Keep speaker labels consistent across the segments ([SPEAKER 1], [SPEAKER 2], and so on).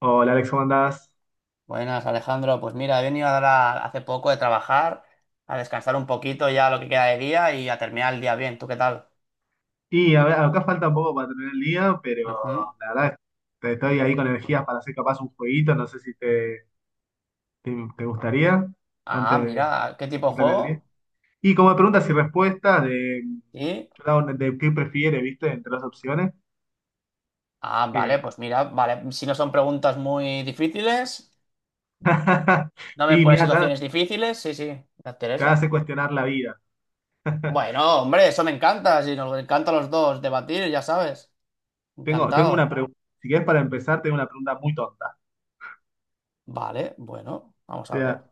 [SPEAKER 1] Hola Alex, ¿cómo andás?
[SPEAKER 2] Buenas, Alejandro. Pues mira, he venido ahora hace poco de trabajar, a descansar un poquito ya lo que queda de día y a terminar el día bien. ¿Tú qué tal?
[SPEAKER 1] Y a ver, acá falta un poco para terminar el día, pero
[SPEAKER 2] Ujú.
[SPEAKER 1] la verdad es que estoy ahí con energías para hacer capaz un jueguito, no sé si te, te gustaría
[SPEAKER 2] Ah,
[SPEAKER 1] antes de
[SPEAKER 2] mira, ¿qué tipo de
[SPEAKER 1] terminar el día.
[SPEAKER 2] juego?
[SPEAKER 1] Y como preguntas y respuestas de,
[SPEAKER 2] Sí.
[SPEAKER 1] de qué prefieres, ¿viste? Entre las opciones.
[SPEAKER 2] Ah, vale,
[SPEAKER 1] eh,
[SPEAKER 2] pues mira, vale. Si no son preguntas muy difíciles, no me
[SPEAKER 1] y
[SPEAKER 2] pones
[SPEAKER 1] mira, te
[SPEAKER 2] situaciones difíciles. Sí, sí, me
[SPEAKER 1] van a hacer
[SPEAKER 2] interesa.
[SPEAKER 1] cuestionar la vida.
[SPEAKER 2] Bueno, hombre, eso me encanta. Si nos encanta a los dos debatir, ya sabes.
[SPEAKER 1] Tengo una
[SPEAKER 2] Encantado.
[SPEAKER 1] pregunta, si querés para empezar, tengo una pregunta muy tonta.
[SPEAKER 2] Vale, bueno, vamos a ver.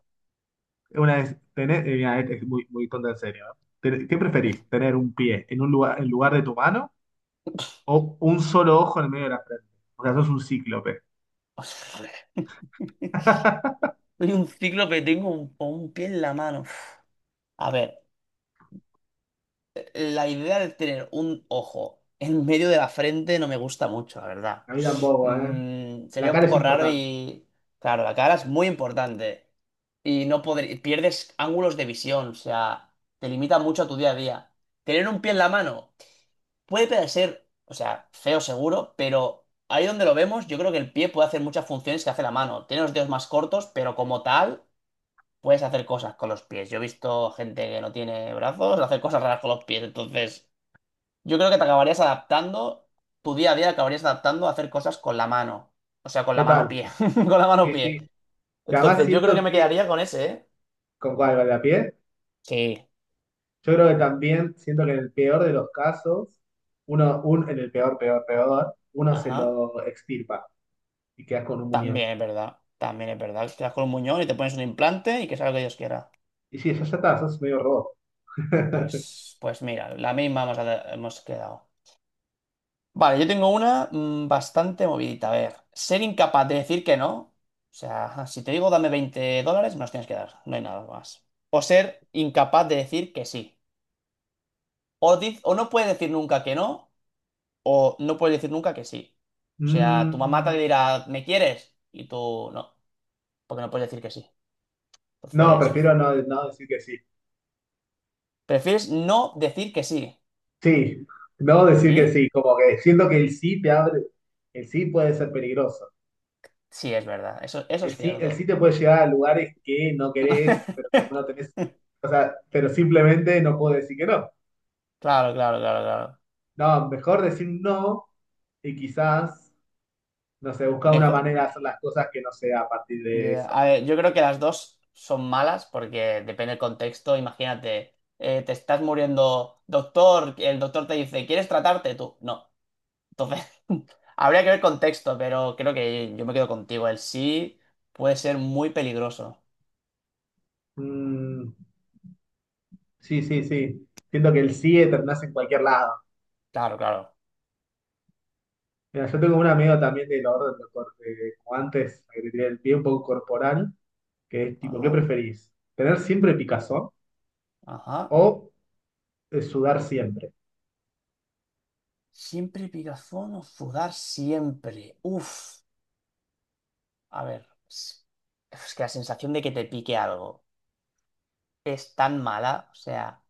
[SPEAKER 1] Una vez, tener, mira, Este es muy tonta en serio, ¿no? ¿Qué preferís? ¿Tener un pie en un lugar, en lugar de tu mano, o un solo ojo en el medio de la frente? O sea, sos un cíclope.
[SPEAKER 2] Soy un ciclo que tengo un pie en la mano. Uf. A ver. La idea de tener un ojo en medio de la frente no me gusta mucho, la verdad.
[SPEAKER 1] A mí tampoco, ¿eh? La
[SPEAKER 2] Sería un
[SPEAKER 1] cara es
[SPEAKER 2] poco raro
[SPEAKER 1] importante.
[SPEAKER 2] y. Claro, la cara es muy importante. Y no podr- pierdes ángulos de visión, o sea, te limita mucho a tu día a día. Tener un pie en la mano puede parecer, o sea, feo seguro, pero ahí donde lo vemos, yo creo que el pie puede hacer muchas funciones que hace la mano. Tiene los dedos más cortos, pero como tal, puedes hacer cosas con los pies. Yo he visto gente que no tiene brazos hacer cosas raras con los pies, entonces. Yo creo que te acabarías adaptando, tu día a día acabarías adaptando a hacer cosas con la mano. O sea, con la
[SPEAKER 1] Total.
[SPEAKER 2] mano-pie. Con la
[SPEAKER 1] Sí,
[SPEAKER 2] mano-pie.
[SPEAKER 1] sí. Que además
[SPEAKER 2] Entonces, yo creo que
[SPEAKER 1] siento
[SPEAKER 2] me
[SPEAKER 1] que,
[SPEAKER 2] quedaría con ese, ¿eh?
[SPEAKER 1] ¿con cuál? ¿Con la piel?
[SPEAKER 2] Sí.
[SPEAKER 1] Yo creo que también siento que en el peor de los casos, en el peor, peor, peor, uno se
[SPEAKER 2] Ajá.
[SPEAKER 1] lo extirpa y quedas con un muñón.
[SPEAKER 2] También es verdad. También es verdad. Te das con un muñón y te pones un implante y que sea lo que Dios quiera.
[SPEAKER 1] Y sí, ya, ya está, sos medio robot.
[SPEAKER 2] Pues mira, la misma hemos quedado. Vale, yo tengo una bastante movidita. A ver, ser incapaz de decir que no. O sea, ajá, si te digo dame $20, me los tienes que dar. No hay nada más. O ser incapaz de decir que sí. O no puedes decir nunca que no, o no puedes decir nunca que sí. O sea, tu mamá te
[SPEAKER 1] Mm,
[SPEAKER 2] dirá, ¿me quieres? Y tú no, porque no puedes decir que sí.
[SPEAKER 1] no,
[SPEAKER 2] Entonces, uf,
[SPEAKER 1] prefiero no, no decir que sí.
[SPEAKER 2] prefieres no decir que sí.
[SPEAKER 1] Sí, no decir que
[SPEAKER 2] Y
[SPEAKER 1] sí, como que siento que el sí te abre, el sí puede ser peligroso.
[SPEAKER 2] sí, es verdad, eso es
[SPEAKER 1] El sí
[SPEAKER 2] cierto.
[SPEAKER 1] te puede llevar a lugares que no querés, pero como no tenés, o sea, pero simplemente no puedo decir que no.
[SPEAKER 2] Claro, claro, claro, claro.
[SPEAKER 1] No, mejor decir no y quizás, no sé, buscar una
[SPEAKER 2] Mejor.
[SPEAKER 1] manera de hacer las cosas que no sea a partir de
[SPEAKER 2] Ya,
[SPEAKER 1] eso.
[SPEAKER 2] a ver, yo creo que las dos son malas porque depende del contexto. Imagínate, te estás muriendo, doctor, el doctor te dice, ¿quieres tratarte? Tú, no. Entonces, habría que ver contexto, pero creo que yo me quedo contigo. El sí puede ser muy peligroso.
[SPEAKER 1] Mm, sí, sí, sí. Siento que el sí terminás en cualquier lado.
[SPEAKER 2] Claro, claro.
[SPEAKER 1] Mira, yo tengo un amigo también del orden, como antes, que tenía el pie un poco corporal. Que es tipo, ¿qué
[SPEAKER 2] Ajá,
[SPEAKER 1] preferís? ¿Tener siempre picazón
[SPEAKER 2] ajá.
[SPEAKER 1] o sudar siempre?
[SPEAKER 2] Siempre picazón o sudar siempre. Uf. A ver, es que la sensación de que te pique algo es tan mala, o sea.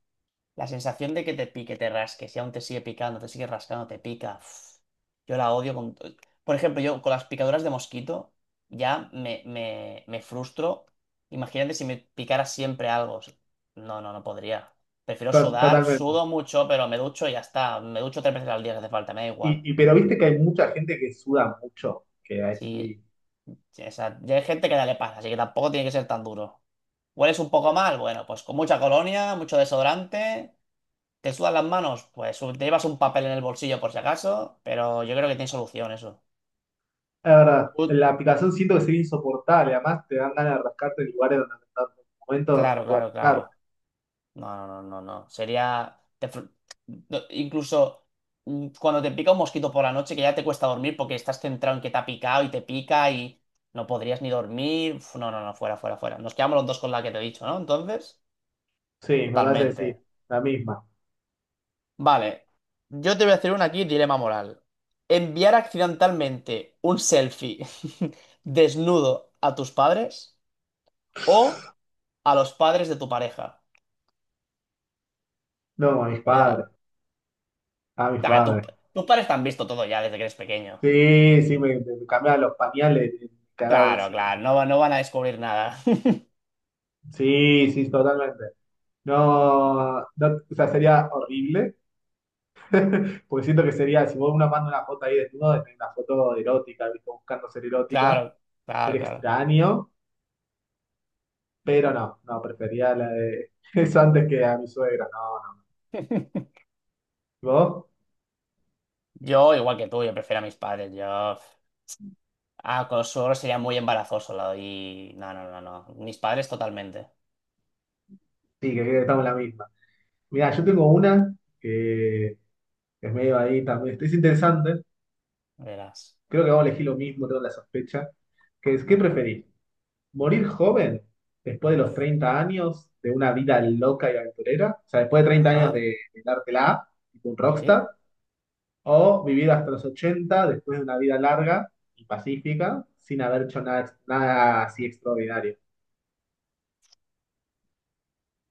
[SPEAKER 2] La sensación de que te pique, te rasque, si aún te sigue picando, te sigue rascando, te pica. Uf, yo la odio con. Por ejemplo, yo con las picaduras de mosquito ya me frustro. Imagínate si me picara siempre algo. No, no, no podría. Prefiero sudar,
[SPEAKER 1] Totalmente.
[SPEAKER 2] sudo mucho, pero me ducho y ya está. Me ducho tres veces al día si hace falta, me da igual.
[SPEAKER 1] Pero viste que hay mucha gente que suda mucho, que es
[SPEAKER 2] Sí,
[SPEAKER 1] muy...
[SPEAKER 2] sí, o sea, ya hay gente que ya le pasa, así que tampoco tiene que ser tan duro. ¿Hueles un poco mal? Bueno, pues con mucha colonia, mucho desodorante. ¿Te sudan las manos? Pues te llevas un papel en el bolsillo por si acaso, pero yo creo que tiene solución eso.
[SPEAKER 1] La verdad,
[SPEAKER 2] Ut-
[SPEAKER 1] la picazón siento que sería insoportable, además te dan ganas de rascarte en lugares donde no estás, en momentos donde no
[SPEAKER 2] claro,
[SPEAKER 1] puedes
[SPEAKER 2] claro,
[SPEAKER 1] rascar.
[SPEAKER 2] claro. No, no, no, no, no. Sería. No, incluso cuando te pica un mosquito por la noche que ya te cuesta dormir porque estás centrado en que te ha picado y te pica y no podrías ni dormir. Uf, no, no, no, fuera, fuera, fuera. Nos quedamos los dos con la que te he dicho, ¿no? Entonces,
[SPEAKER 1] Sí, me parece que
[SPEAKER 2] totalmente.
[SPEAKER 1] sí, la misma.
[SPEAKER 2] Vale, yo te voy a hacer una aquí, dilema moral. ¿Enviar accidentalmente un selfie desnudo a tus padres o a los padres de tu pareja?
[SPEAKER 1] No, a mis
[SPEAKER 2] Cuidado.
[SPEAKER 1] padres, a mis
[SPEAKER 2] Claro, tu-
[SPEAKER 1] padres.
[SPEAKER 2] tus padres te han visto todo ya desde que eres pequeño.
[SPEAKER 1] Sí, sí, me cambiaban los pañales, me cagaba
[SPEAKER 2] Claro,
[SPEAKER 1] encima.
[SPEAKER 2] claro, no, no van a descubrir nada.
[SPEAKER 1] Sí, sí, totalmente. No, no, o sea, sería horrible. Porque siento que sería, si vos una manda una foto ahí desnudo, de una foto erótica, ¿viste? Buscando ser erótica,
[SPEAKER 2] Claro, claro,
[SPEAKER 1] sería
[SPEAKER 2] claro.
[SPEAKER 1] extraño, pero no, no, prefería la de eso antes que a mi suegra, no. No. ¿Y ¿vos?
[SPEAKER 2] Yo, igual que tú, yo prefiero a mis padres. Yo, con los suegros sería muy embarazoso. Y no, no, no, no. Mis padres totalmente.
[SPEAKER 1] Sí, que creo que estamos en la misma. Mira, yo tengo una que es medio ahí también, es interesante,
[SPEAKER 2] Verás.
[SPEAKER 1] creo que vamos a elegir lo mismo, tengo la sospecha, que es, ¿qué
[SPEAKER 2] Ujú.
[SPEAKER 1] preferís? ¿Morir joven después de los
[SPEAKER 2] Uf.
[SPEAKER 1] 30 años de una vida loca y aventurera? O sea, después de 30 años
[SPEAKER 2] Ajá,
[SPEAKER 1] de dártela, tipo un rockstar.
[SPEAKER 2] sí.
[SPEAKER 1] O vivir hasta los 80, después de una vida larga y pacífica sin haber hecho nada, nada así extraordinario.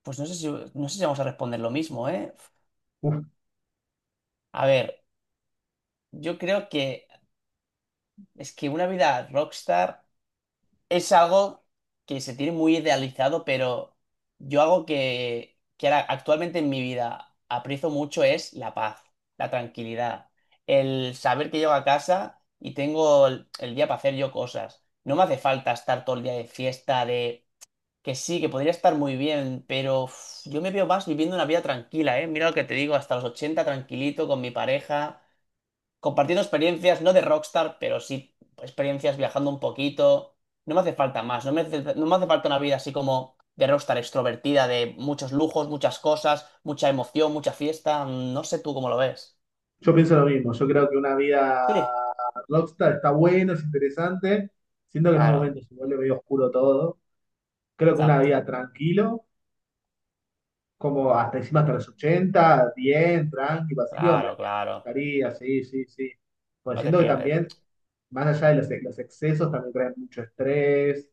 [SPEAKER 2] Pues no sé si vamos a responder lo mismo, ¿eh?
[SPEAKER 1] Uf,
[SPEAKER 2] A ver, yo creo que es que una vida rockstar es algo que se tiene muy idealizado, pero yo algo que ahora actualmente en mi vida aprecio mucho es la paz, la tranquilidad, el saber que llego a casa y tengo el día para hacer yo cosas. No me hace falta estar todo el día de fiesta, de Que sí, que podría estar muy bien, pero uf, yo me veo más viviendo una vida tranquila, ¿eh? Mira lo que te digo, hasta los 80 tranquilito con mi pareja, compartiendo experiencias, no de rockstar, pero sí experiencias viajando un poquito. No me hace falta más, no me hace falta una vida así como de rockstar extrovertida, de muchos lujos, muchas cosas, mucha emoción, mucha fiesta. No sé tú cómo lo ves.
[SPEAKER 1] yo pienso lo mismo, yo creo que una vida
[SPEAKER 2] Sí,
[SPEAKER 1] rockstar está bueno, es interesante. Siento que en un
[SPEAKER 2] claro,
[SPEAKER 1] momento se vuelve medio oscuro todo. Creo que una
[SPEAKER 2] exacto,
[SPEAKER 1] vida tranquilo como hasta encima hasta los 80, bien, tranqui, vacío, me
[SPEAKER 2] claro, claro.
[SPEAKER 1] estaría, sí, sí, sí. Pues
[SPEAKER 2] No te
[SPEAKER 1] siento que
[SPEAKER 2] pierdes.
[SPEAKER 1] también, más allá de los, los excesos, también traen mucho estrés,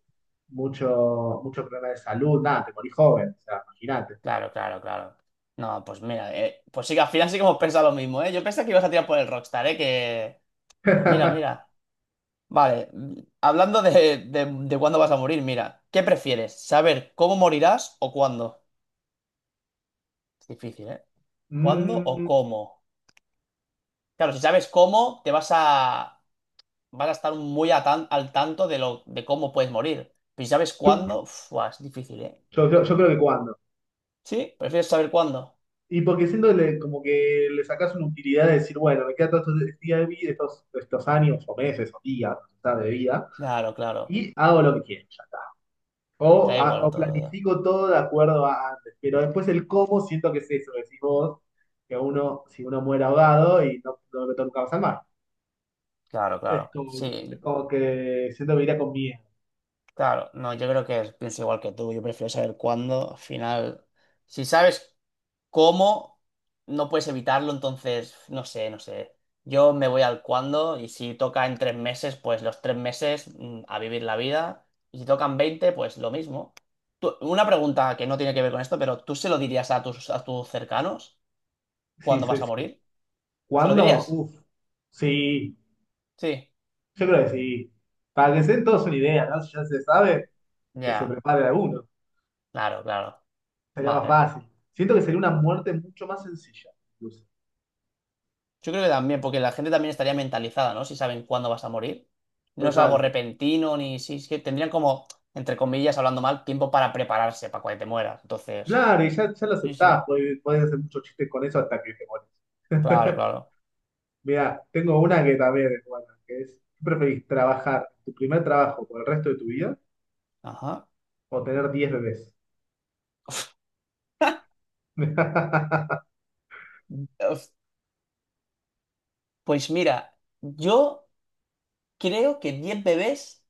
[SPEAKER 1] mucho, mucho problema de salud, nada, te morí joven, o sea, imagínate.
[SPEAKER 2] Claro, claro, claro. No, pues mira, pues sí que al final sí que hemos pensado lo mismo, ¿eh? Yo pensaba que ibas a tirar por el Rockstar, ¿eh? Que. Pues mira, mira. Vale, hablando de cuándo vas a morir, mira, ¿qué prefieres? ¿Saber cómo morirás o cuándo? Es difícil, ¿eh? ¿Cuándo o
[SPEAKER 1] Mm,
[SPEAKER 2] cómo? Claro, si sabes cómo, vas a estar muy al tanto de cómo puedes morir. Pero si sabes
[SPEAKER 1] yo,
[SPEAKER 2] cuándo, uf, buah, es difícil, ¿eh?
[SPEAKER 1] yo creo que cuando.
[SPEAKER 2] ¿Sí? ¿Prefieres saber cuándo?
[SPEAKER 1] Y porque siento que como que le sacas una utilidad de decir, bueno, me queda todo este día de vida, estos, estos años o meses o días, o sea, de vida,
[SPEAKER 2] Claro, claro.
[SPEAKER 1] y hago lo que quiero.
[SPEAKER 2] Te
[SPEAKER 1] O,
[SPEAKER 2] da igual
[SPEAKER 1] o
[SPEAKER 2] todo ya.
[SPEAKER 1] planifico todo de acuerdo a antes, pero después el cómo siento que es eso, que decís vos, que uno, si uno muere ahogado y no, no me meto nunca más al mar.
[SPEAKER 2] Claro, claro.
[SPEAKER 1] Es
[SPEAKER 2] Sí,
[SPEAKER 1] como que siento que iría con miedo.
[SPEAKER 2] claro, no, yo creo que pienso igual que tú. Yo prefiero saber cuándo. Al final, si sabes cómo, no puedes evitarlo, entonces, no sé, no sé. Yo me voy al cuándo y si toca en 3 meses, pues los 3 meses a vivir la vida. Y si tocan 20, pues lo mismo. Una pregunta que no tiene que ver con esto, pero ¿tú se lo dirías a tus cercanos
[SPEAKER 1] Sí,
[SPEAKER 2] cuándo
[SPEAKER 1] sí,
[SPEAKER 2] vas a
[SPEAKER 1] sí.
[SPEAKER 2] morir? ¿Se lo
[SPEAKER 1] ¿Cuándo?
[SPEAKER 2] dirías?
[SPEAKER 1] Uf, sí,
[SPEAKER 2] Sí.
[SPEAKER 1] yo creo que sí. Para que se den todos una idea, ¿no? Si ya se sabe, que se
[SPEAKER 2] Ya,
[SPEAKER 1] prepare alguno,
[SPEAKER 2] claro, claro.
[SPEAKER 1] sería más
[SPEAKER 2] Vale.
[SPEAKER 1] fácil. Siento que sería una muerte mucho más sencilla, incluso.
[SPEAKER 2] Yo creo que también, porque la gente también estaría mentalizada, ¿no? Si saben cuándo vas a morir. No es algo
[SPEAKER 1] Total.
[SPEAKER 2] repentino, ni si es que tendrían como, entre comillas, hablando mal, tiempo para prepararse para cuando te mueras. Entonces,
[SPEAKER 1] Claro, y ya, ya lo
[SPEAKER 2] sí,
[SPEAKER 1] aceptás,
[SPEAKER 2] sí.
[SPEAKER 1] podés, podés hacer muchos chistes con eso hasta que te morís.
[SPEAKER 2] Claro, claro.
[SPEAKER 1] Mira, tengo una que también es buena, que es, ¿qué preferís, trabajar tu primer trabajo por el resto de tu vida
[SPEAKER 2] Ajá.
[SPEAKER 1] o tener 10 bebés? A
[SPEAKER 2] Uf, pues mira, yo creo que 10 bebés.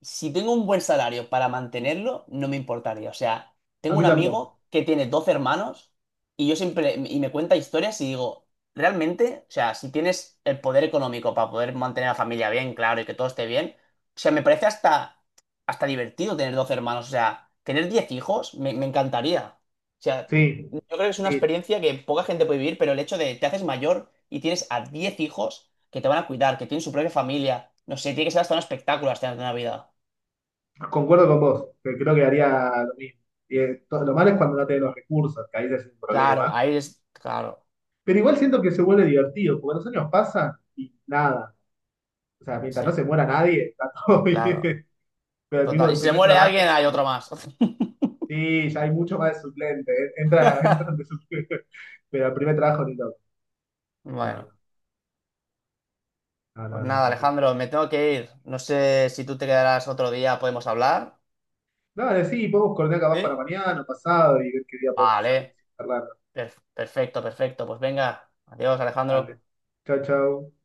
[SPEAKER 2] Si tengo un buen salario para mantenerlo, no me importaría. O sea, tengo un
[SPEAKER 1] mí tampoco.
[SPEAKER 2] amigo que tiene 12 hermanos y yo siempre, y me cuenta historias y digo, realmente, o sea, si tienes el poder económico para poder mantener a la familia bien, claro, y que todo esté bien, o sea, me parece hasta divertido tener 12 hermanos. O sea, tener 10 hijos me encantaría. O sea,
[SPEAKER 1] Sí,
[SPEAKER 2] yo creo que es una
[SPEAKER 1] sí,
[SPEAKER 2] experiencia que poca gente puede vivir, pero el hecho de te haces mayor y tienes a 10 hijos que te van a cuidar, que tienen su propia familia, no sé, tiene que ser hasta un espectáculo hasta la Navidad.
[SPEAKER 1] concuerdo con vos, que creo que haría lo mismo. Y, lo malo es cuando no tenés los recursos, que ahí ya es un
[SPEAKER 2] Claro,
[SPEAKER 1] problema.
[SPEAKER 2] ahí es. Claro,
[SPEAKER 1] Pero igual siento que se vuelve divertido, porque los años pasan y nada. O sea, mientras
[SPEAKER 2] sí,
[SPEAKER 1] no se muera nadie, está todo
[SPEAKER 2] claro.
[SPEAKER 1] bien. Pero el mismo
[SPEAKER 2] Total. Y
[SPEAKER 1] el
[SPEAKER 2] si se
[SPEAKER 1] primer
[SPEAKER 2] muere
[SPEAKER 1] trabajo,
[SPEAKER 2] alguien, hay otro más.
[SPEAKER 1] sí, ya hay mucho más de suplente, eh. Entra, entran de suplente. Pero el primer trabajo ni loco. No,
[SPEAKER 2] Bueno,
[SPEAKER 1] no. No,
[SPEAKER 2] pues
[SPEAKER 1] no, no,
[SPEAKER 2] nada,
[SPEAKER 1] terrible.
[SPEAKER 2] Alejandro, me tengo que ir. No sé si tú te quedarás otro día, podemos hablar.
[SPEAKER 1] Dale, sí, podemos coordinar capaz para
[SPEAKER 2] ¿Sí?
[SPEAKER 1] mañana o pasado y ver qué día podemos salir.
[SPEAKER 2] Vale,
[SPEAKER 1] Sin charlar.
[SPEAKER 2] perfecto, perfecto. Pues venga, adiós, Alejandro.
[SPEAKER 1] Dale. Chau, chau.